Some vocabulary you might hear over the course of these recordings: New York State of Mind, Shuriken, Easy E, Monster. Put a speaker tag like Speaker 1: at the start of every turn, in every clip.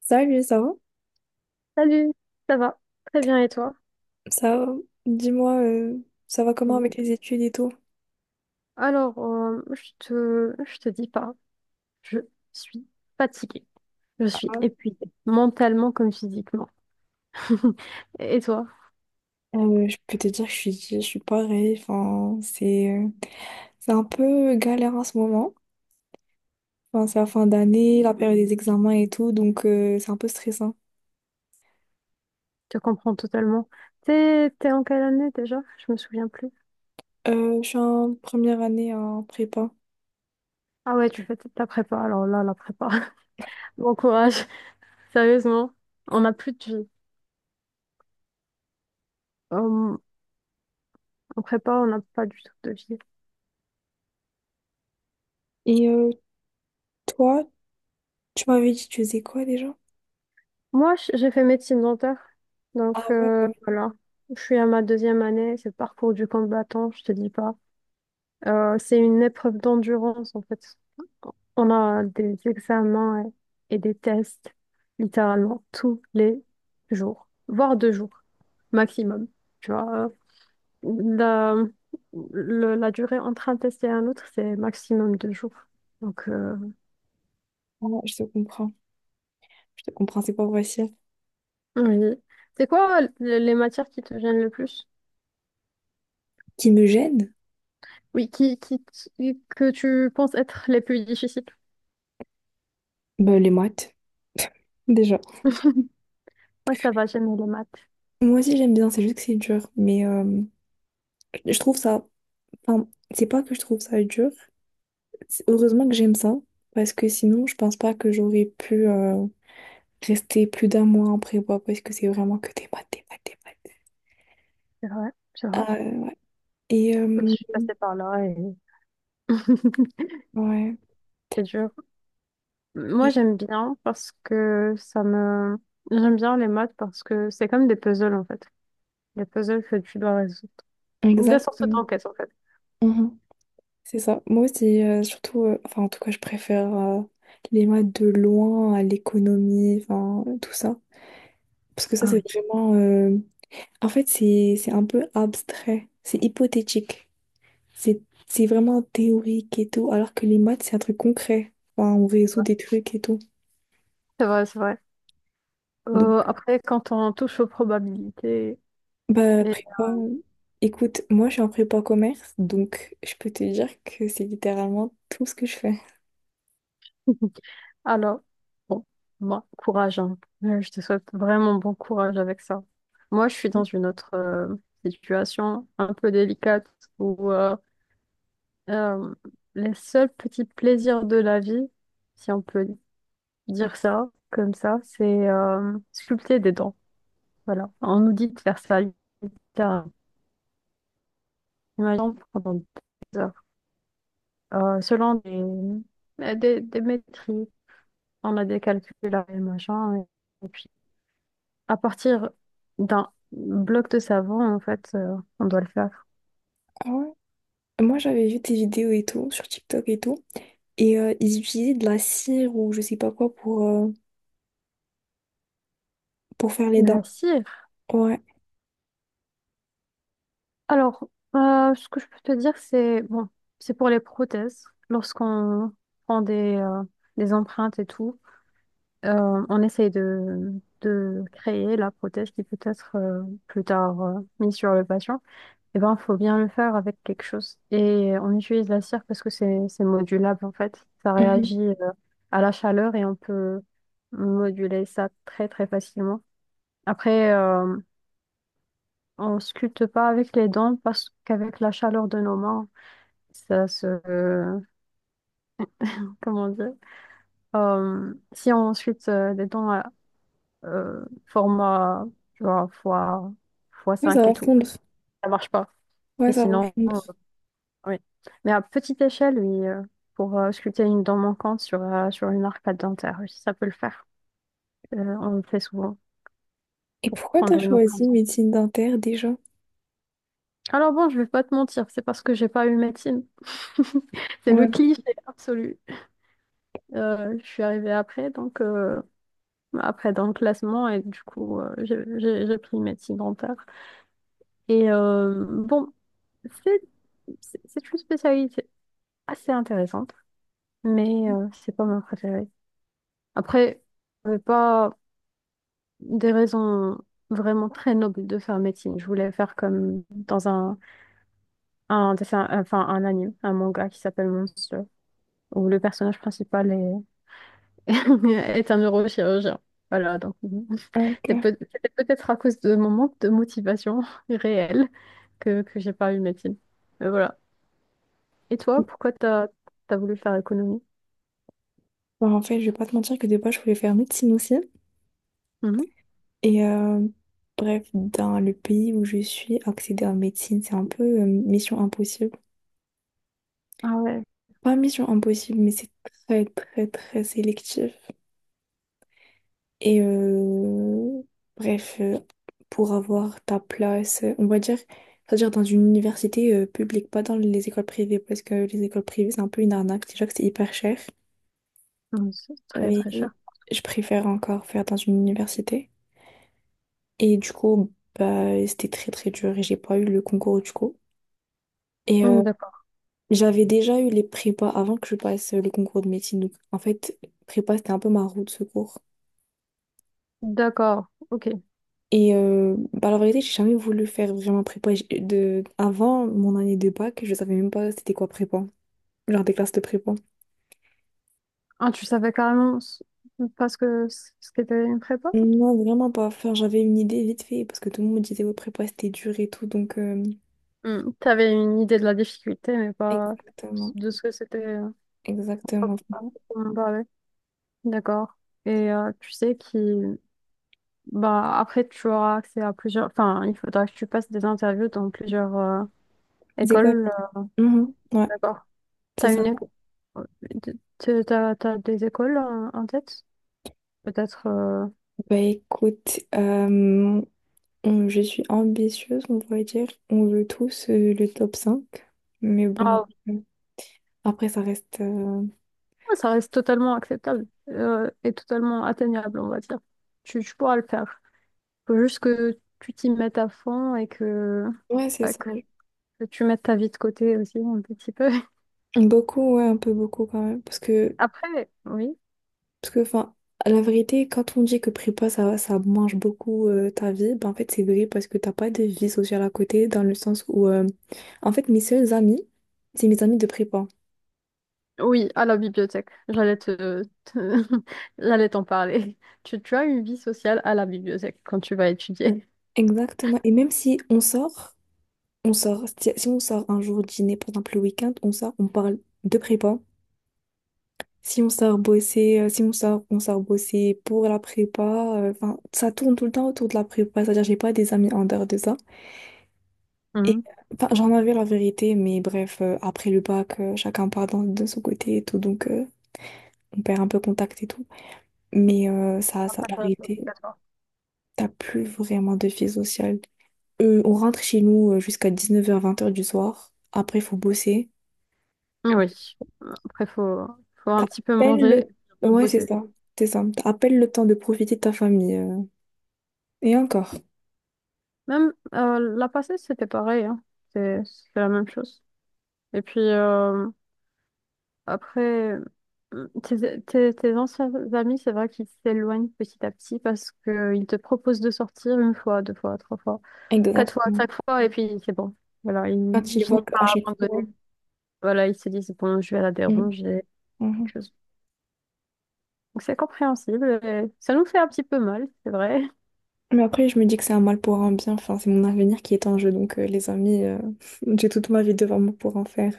Speaker 1: Salut, ça va?
Speaker 2: Salut, ça va? Très bien et toi?
Speaker 1: Ça va? Dis-moi, ça va comment avec
Speaker 2: Oui.
Speaker 1: les études et tout?
Speaker 2: Alors, je te dis pas, je suis fatiguée. Je suis épuisée, mentalement comme physiquement. Et toi?
Speaker 1: Je peux te dire que je suis pareil. Enfin, c'est un peu galère en ce moment. Enfin, c'est la fin d'année, la période des examens et tout, donc c'est un peu stressant.
Speaker 2: Je te comprends totalement. T'es en quelle année déjà? Je me souviens plus.
Speaker 1: Je suis en première année en prépa.
Speaker 2: Ah ouais, tu fais ta prépa. Alors là, la prépa. Bon courage. Sérieusement, on n'a plus de vie. Euh, En prépa, on n'a pas du tout de vie.
Speaker 1: Et toi, tu m'avais dit que tu faisais quoi déjà?
Speaker 2: Moi, j'ai fait médecine dentaire.
Speaker 1: Ah
Speaker 2: Donc,
Speaker 1: ouais, bah ouais.
Speaker 2: voilà. Je suis à ma deuxième année. C'est le parcours du combattant, je te dis pas. C'est une épreuve d'endurance, en fait. On a des examens et des tests, littéralement, tous les jours, voire deux jours maximum. Tu vois, la, la durée entre un test et un autre, c'est maximum deux jours. Donc,
Speaker 1: Ah, je te comprends. Je te comprends, c'est pas facile.
Speaker 2: oui. C'est quoi les matières qui te gênent le plus?
Speaker 1: Qui me gêne?
Speaker 2: Oui, que tu penses être les plus difficiles.
Speaker 1: Ben, les maths, déjà.
Speaker 2: Moi, ça va, j'aime les maths.
Speaker 1: Moi aussi, j'aime bien, c'est juste que c'est dur. Mais je trouve ça, enfin, c'est pas que je trouve ça dur. Heureusement que j'aime ça, parce que sinon, je pense pas que j'aurais pu rester plus d'un mois en prépa, parce que c'est vraiment que des maths, des maths, des maths.
Speaker 2: C'est vrai, c'est vrai.
Speaker 1: Ah, euh, et
Speaker 2: Je
Speaker 1: euh,
Speaker 2: suis passée par là et
Speaker 1: ouais,
Speaker 2: c'est dur. Moi,
Speaker 1: Et-
Speaker 2: j'aime bien parce que ça me... J'aime bien les maths parce que c'est comme des puzzles, en fait. Des puzzles que tu dois résoudre. Des sortes
Speaker 1: exactement.
Speaker 2: d'enquêtes, en fait.
Speaker 1: Mhm. C'est ça. Moi aussi, surtout, enfin, en tout cas, je préfère les maths de loin à l'économie, enfin, tout ça. Parce que ça,
Speaker 2: Ah
Speaker 1: c'est
Speaker 2: oui.
Speaker 1: vraiment, en fait, c'est un peu abstrait, c'est hypothétique. C'est c'est vraiment théorique et tout, alors que les maths, c'est un truc concret. Enfin, on résout des trucs et tout.
Speaker 2: C'est vrai, c'est vrai.
Speaker 1: Donc,
Speaker 2: Après, quand on touche aux probabilités
Speaker 1: bah,
Speaker 2: et...
Speaker 1: prépa, écoute, moi, je suis en prépa commerce, donc je peux te dire que c'est littéralement tout ce que je fais.
Speaker 2: Alors, bon, moi, courage, hein. Je te souhaite vraiment bon courage avec ça. Moi, je suis dans une autre situation un peu délicate où euh, les seuls petits plaisirs de la vie, si on peut dire ça comme ça, c'est sculpter des dents. Voilà. On nous dit de faire ça littéralement. Imaginons pendant des heures. Selon des maîtrises, on a des calculs et machin. Et, à partir d'un bloc de savon, en fait, on doit le faire.
Speaker 1: Ah ouais? Moi, j'avais vu tes vidéos et tout, sur TikTok et tout, et ils utilisaient de la cire ou je sais pas quoi pour faire les
Speaker 2: De
Speaker 1: dents.
Speaker 2: la cire.
Speaker 1: Ouais.
Speaker 2: Alors, ce que je peux te dire, c'est bon, c'est pour les prothèses. Lorsqu'on prend des empreintes et tout, on essaye de créer la prothèse qui peut être plus tard mise sur le patient. Eh ben, faut bien le faire avec quelque chose. Et on utilise la cire parce que c'est modulable en fait. Ça
Speaker 1: Mhm.
Speaker 2: réagit à la chaleur et on peut moduler ça très très facilement. Après, on sculpte pas avec les dents parce qu'avec la chaleur de nos mains, ça se comment dire. Si on sculpte des dents à format, tu vois, fois
Speaker 1: Ouais, ça
Speaker 2: 5 et
Speaker 1: va
Speaker 2: tout,
Speaker 1: fondre.
Speaker 2: ça marche pas. Et
Speaker 1: Ouais, ça va
Speaker 2: sinon.
Speaker 1: fondre.
Speaker 2: Oui. Mais à petite échelle, oui, pour sculpter une dent manquante sur, sur une arcade dentaire, oui, ça peut le faire. On le fait souvent
Speaker 1: Et
Speaker 2: pour
Speaker 1: pourquoi t'as
Speaker 2: prendre une
Speaker 1: choisi
Speaker 2: empreinte.
Speaker 1: médecine dentaire déjà?
Speaker 2: Alors bon, je vais pas te mentir, c'est parce que j'ai pas eu médecine. C'est le
Speaker 1: Ouais.
Speaker 2: cliché absolu. Je suis arrivée après, donc après dans le classement, et du coup, j'ai pris médecine dentaire. Et bon, c'est c'est une spécialité assez intéressante, mais c'est pas mon préféré. Après, je vais pas. Des raisons vraiment très nobles de faire médecine. Je voulais faire comme dans un dessin, enfin un anime, un manga qui s'appelle Monster, où le personnage principal est, est un neurochirurgien. Voilà, donc bon.
Speaker 1: Ah, ok.
Speaker 2: C'était peut-être à cause de mon manque de motivation réelle que j'ai pas eu médecine. Mais voilà. Et toi, pourquoi t'as voulu faire économie?
Speaker 1: Bah, en fait, je vais pas te mentir que de base, je voulais faire médecine aussi.
Speaker 2: Mhm.
Speaker 1: Et bref, dans le pays où je suis, accéder en médecine, c'est un peu mission impossible.
Speaker 2: Ah ouais.
Speaker 1: Pas mission impossible, mais c'est très, très, très sélectif. Et bref, pour avoir ta place, on va dire, c'est-à-dire dans une université publique, pas dans les écoles privées, parce que les écoles privées, c'est un peu une arnaque. Déjà que c'est hyper cher.
Speaker 2: C'est très
Speaker 1: Mais
Speaker 2: très cher.
Speaker 1: je préfère encore faire dans une université. Et du coup, bah, c'était très très dur et j'ai pas eu le concours du coup. Et
Speaker 2: D'accord.
Speaker 1: j'avais déjà eu les prépas avant que je passe le concours de médecine. Donc en fait, prépa, c'était un peu ma roue de secours.
Speaker 2: D'accord, ok.
Speaker 1: Et bah, la vérité, j'ai jamais voulu faire vraiment prépa. Avant mon année de bac, je savais même pas c'était quoi prépa. Genre des classes de prépa.
Speaker 2: Ah, tu savais carrément parce que ce qu'était une prépa?
Speaker 1: Non, vraiment pas. Enfin, j'avais une idée vite fait parce que tout le monde disait ouais, prépa, c'était dur et tout. Donc,
Speaker 2: Hmm, t'avais une idée de la difficulté, mais pas
Speaker 1: exactement,
Speaker 2: de ce que c'était,
Speaker 1: exactement.
Speaker 2: pour en parler. D'accord. Et tu sais qui, bah, après tu auras accès à plusieurs. Enfin, il faudra que tu passes des interviews dans plusieurs
Speaker 1: C'est quoi?
Speaker 2: écoles.
Speaker 1: Mhm, ouais,
Speaker 2: D'accord.
Speaker 1: c'est
Speaker 2: T'as
Speaker 1: ça.
Speaker 2: une école. T'as, t'as des écoles en, en tête? Peut-être.
Speaker 1: Bah écoute, je suis ambitieuse, on pourrait dire. On veut tous le top cinq. Mais bon,
Speaker 2: Ah
Speaker 1: euh, après, ça reste...
Speaker 2: oui, ça reste totalement acceptable, et totalement atteignable, on va dire. Tu pourras le faire. Faut juste que tu t'y mettes à fond et que,
Speaker 1: Ouais, c'est
Speaker 2: bah,
Speaker 1: ça.
Speaker 2: que tu mettes ta vie de côté aussi un petit peu.
Speaker 1: Beaucoup, ouais, un peu beaucoup quand même. Parce que,
Speaker 2: Après, oui.
Speaker 1: parce que, enfin, à la vérité, quand on dit que prépa, ça mange beaucoup ta vie, ben en fait, c'est vrai parce que t'as pas de vie sociale à côté, dans le sens où, en fait, mes seuls amis, c'est mes amis de prépa.
Speaker 2: Oui, à la bibliothèque. J'allais j'allais t'en parler. Tu as une vie sociale à la bibliothèque quand tu vas étudier.
Speaker 1: Exactement. Et même si on sort... On sort, si on sort un jour dîner, par exemple le week-end, on sort, on parle de prépa. Si on sort bosser, si on sort, on sort bosser pour la prépa. Enfin, ça tourne tout le temps autour de la prépa. C'est-à-dire, j'ai pas des amis en dehors de ça. Et
Speaker 2: Mhm.
Speaker 1: enfin, j'en avais la vérité, mais bref, après le bac, chacun part de son côté et tout, donc on perd un peu contact et tout. Mais
Speaker 2: Un
Speaker 1: la
Speaker 2: passage
Speaker 1: vérité,
Speaker 2: obligatoire.
Speaker 1: t'as plus vraiment de vie sociale. On rentre chez nous jusqu'à 19h, 20h du soir. Après, il faut bosser.
Speaker 2: Ah oui. Après, faut
Speaker 1: T'as
Speaker 2: un
Speaker 1: à
Speaker 2: petit peu
Speaker 1: peine
Speaker 2: manger
Speaker 1: le...
Speaker 2: et
Speaker 1: Ouais, c'est
Speaker 2: rebosser.
Speaker 1: ça. C'est ça. T'as à peine le temps de profiter de ta famille. Et encore.
Speaker 2: Même, la passée, c'était pareil, hein. C'est la même chose. Et puis, après, tes anciens amis, c'est vrai qu'ils s'éloignent petit à petit parce qu'ils te proposent de sortir une fois, deux fois, trois fois, quatre fois,
Speaker 1: Exactement.
Speaker 2: cinq fois, et puis c'est bon. Voilà,
Speaker 1: Quand
Speaker 2: ils
Speaker 1: ils voient
Speaker 2: finissent
Speaker 1: qu'à
Speaker 2: par
Speaker 1: chaque fois...
Speaker 2: abandonner. Voilà, ils se disent, bon, je vais la
Speaker 1: Mm.
Speaker 2: déranger, quelque
Speaker 1: Mhm.
Speaker 2: chose. Donc, c'est compréhensible, et ça nous fait un petit peu mal, c'est vrai.
Speaker 1: Mais après, je me dis que c'est un mal pour un bien. Enfin, c'est mon avenir qui est en jeu. Donc, les amis, j'ai toute ma vie devant moi pour en faire.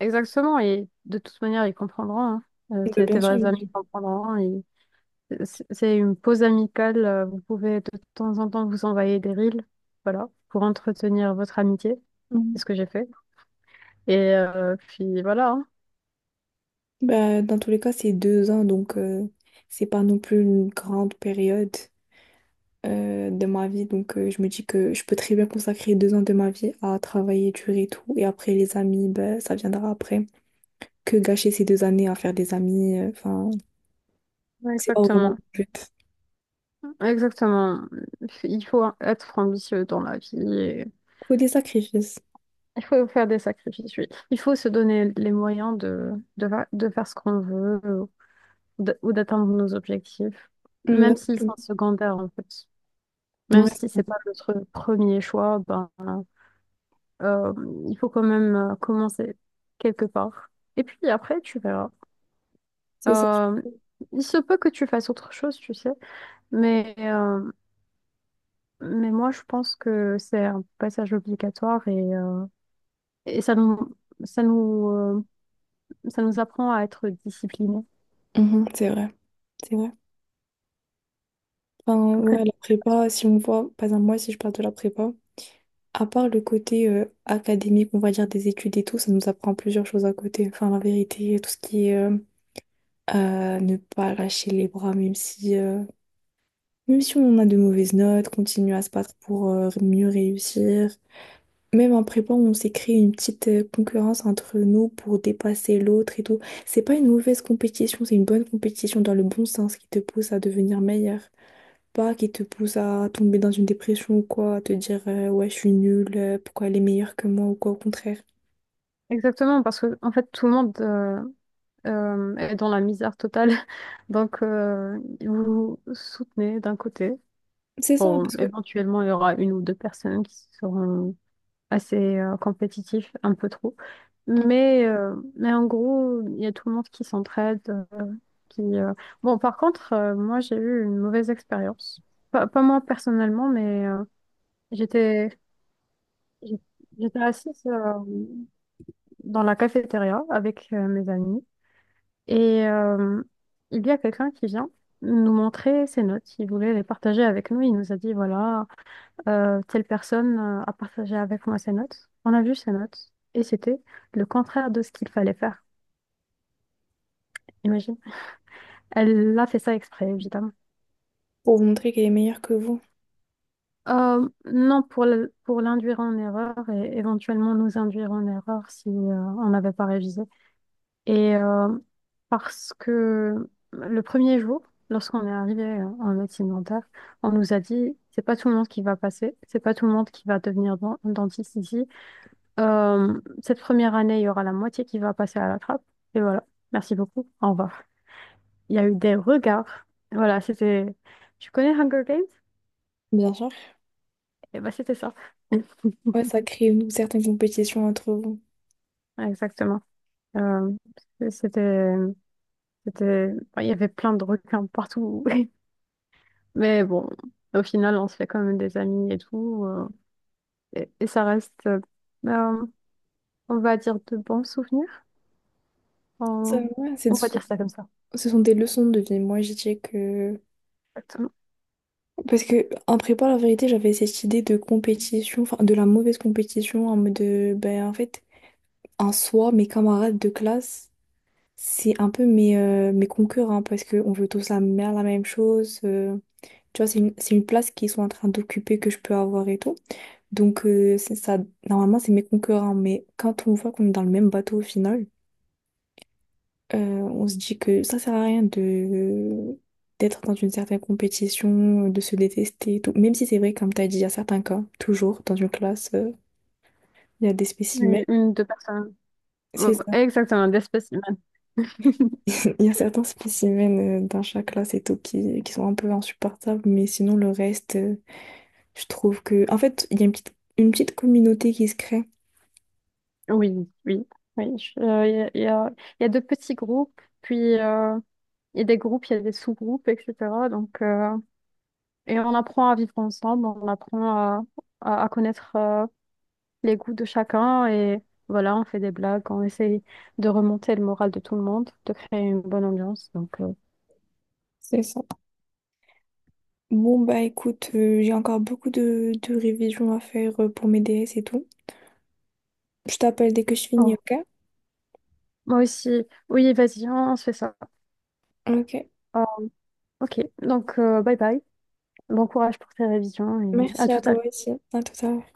Speaker 2: Exactement, et de toute manière, ils comprendront, hein.
Speaker 1: De
Speaker 2: Tes
Speaker 1: bien sûr,
Speaker 2: vrais
Speaker 1: bien sûr.
Speaker 2: amis comprendront, hein, et. C'est une pause amicale. Vous pouvez de temps en temps vous envoyer des reels, voilà, pour entretenir votre amitié. C'est
Speaker 1: Mhm.
Speaker 2: ce que j'ai fait. Et puis voilà, hein.
Speaker 1: Bah, dans tous les cas, c'est 2 ans. Donc, c'est pas non plus une grande période de ma vie. Donc, je me dis que je peux très bien consacrer 2 ans de ma vie à travailler dur et tout. Et après, les amis, bah, ça viendra après. Que gâcher ces 2 années à faire des amis. Enfin, c'est pas vraiment le
Speaker 2: Exactement.
Speaker 1: but.
Speaker 2: Exactement. Il faut être ambitieux dans la vie, et
Speaker 1: Faut des sacrifices.
Speaker 2: il faut faire des sacrifices, oui. Il faut se donner les moyens de faire ce qu'on veut, ou d'atteindre nos objectifs, même s'ils sont
Speaker 1: Exactement.
Speaker 2: secondaires, en fait. Même
Speaker 1: Ouais,
Speaker 2: si c'est pas notre premier choix, ben, euh, il faut quand même commencer quelque part. Et puis après, tu verras.
Speaker 1: c'est ça. C'est
Speaker 2: Euh, il se peut que tu fasses autre chose, tu sais, mais, euh, mais moi, je pense que c'est un passage obligatoire et ça nous, ça nous, euh, ça nous apprend à être disciplinés.
Speaker 1: ça. Mhm, c'est vrai, c'est vrai. Enfin,
Speaker 2: Après,
Speaker 1: ouais, la prépa, si on voit, par exemple, moi, si je parle de la prépa, à part le côté académique, on va dire des études et tout, ça nous apprend plusieurs choses à côté. Enfin, la vérité, tout ce qui est ne pas lâcher les bras, même si on a de mauvaises notes, continuer à se battre pour mieux réussir. Même en prépa, on s'est créé une petite concurrence entre nous pour dépasser l'autre et tout. C'est pas une mauvaise compétition, c'est une bonne compétition dans le bon sens qui te pousse à devenir meilleur. Pas qui te pousse à tomber dans une dépression ou quoi, à te dire ouais, je suis nulle, pourquoi elle est meilleure que moi ou quoi, au contraire.
Speaker 2: exactement, parce que en fait, tout le monde est dans la misère totale. Donc, vous soutenez d'un côté.
Speaker 1: C'est ça,
Speaker 2: Bon,
Speaker 1: parce que.
Speaker 2: éventuellement, il y aura une ou deux personnes qui seront assez compétitifs, un peu trop.
Speaker 1: Mm.
Speaker 2: Mais en gros, il y a tout le monde qui s'entraide. Qui, euh. Bon, par contre, moi, j'ai eu une mauvaise expérience. Pas moi personnellement, mais j'étais, j'étais assise dans la cafétéria avec mes amis. Et il y a quelqu'un qui vient nous montrer ses notes. Il voulait les partager avec nous. Il nous a dit, voilà. Telle personne a partagé avec moi ses notes. On a vu ses notes et c'était le contraire de ce qu'il fallait faire. Imagine. Elle a fait ça exprès, évidemment.
Speaker 1: Pour vous montrer qu'elle est meilleure que vous.
Speaker 2: Non, pour pour l'induire en erreur et éventuellement nous induire en erreur si on n'avait pas révisé. Et parce que le premier jour, lorsqu'on est arrivé en médecine dentaire, on nous a dit, c'est pas tout le monde qui va passer, c'est pas tout le monde qui va devenir dentiste ici. Cette première année, il y aura la moitié qui va passer à la trappe. Et voilà. Merci beaucoup. Au revoir. Il y a eu des regards. Voilà, c'était. Tu connais Hunger Games?
Speaker 1: Bien sûr.
Speaker 2: Et bah, c'était ça.
Speaker 1: Ouais, ça crée une certaine compétition entre vous.
Speaker 2: Exactement. Euh, c'était. C'était, enfin, il y avait plein de requins partout. Mais bon, au final, on se fait quand même des amis et tout. Et ça reste, euh, on va dire, de bons souvenirs.
Speaker 1: Ça,
Speaker 2: On,
Speaker 1: ouais,
Speaker 2: on va
Speaker 1: ce sont
Speaker 2: dire ça comme ça.
Speaker 1: ce sont des leçons de vie. Moi, je dirais que.
Speaker 2: Exactement.
Speaker 1: Parce que en prépa, la vérité, j'avais cette idée de compétition, enfin de la mauvaise compétition, en mode de, ben en fait, en soi, mes camarades de classe, c'est un peu mes concurrents, parce qu'on veut tous la même chose. Tu vois, c'est une place qu'ils sont en train d'occuper, que je peux avoir et tout. Donc c'est ça, normalement, c'est mes concurrents, mais quand on voit qu'on est dans le même bateau au final, on se dit que ça sert à rien de d'être dans une certaine compétition, de se détester, et tout. Même si c'est vrai, comme tu as dit, il y a certains cas, toujours dans une classe, il y a des spécimens,
Speaker 2: Deux personnes. Ouais,
Speaker 1: c'est ça.
Speaker 2: exactement, d'espèces.
Speaker 1: Il y a certains spécimens dans chaque classe et tout qui sont un peu insupportables, mais sinon le reste, je trouve que... En fait, il y a une petite communauté qui se crée.
Speaker 2: Oui, oui, oui. Il y a de petits groupes, puis il y a des groupes, il y a des sous-groupes, etc. Donc, et on apprend à vivre ensemble, on apprend à connaître les goûts de chacun et voilà, on fait des blagues, on essaye de remonter le moral de tout le monde, de créer une bonne ambiance. Donc, euh.
Speaker 1: C'est ça. Bon, bah écoute, j'ai encore beaucoup de révisions à faire pour mes DS et tout. Je t'appelle dès que je finis,
Speaker 2: Oh,
Speaker 1: ok?
Speaker 2: moi aussi. Oui, vas-y, on se fait ça.
Speaker 1: Ok.
Speaker 2: Ah, ok, donc bye bye. Bon courage pour tes révisions et à
Speaker 1: Merci à
Speaker 2: tout à
Speaker 1: toi
Speaker 2: l'heure.
Speaker 1: aussi. À tout à l'heure.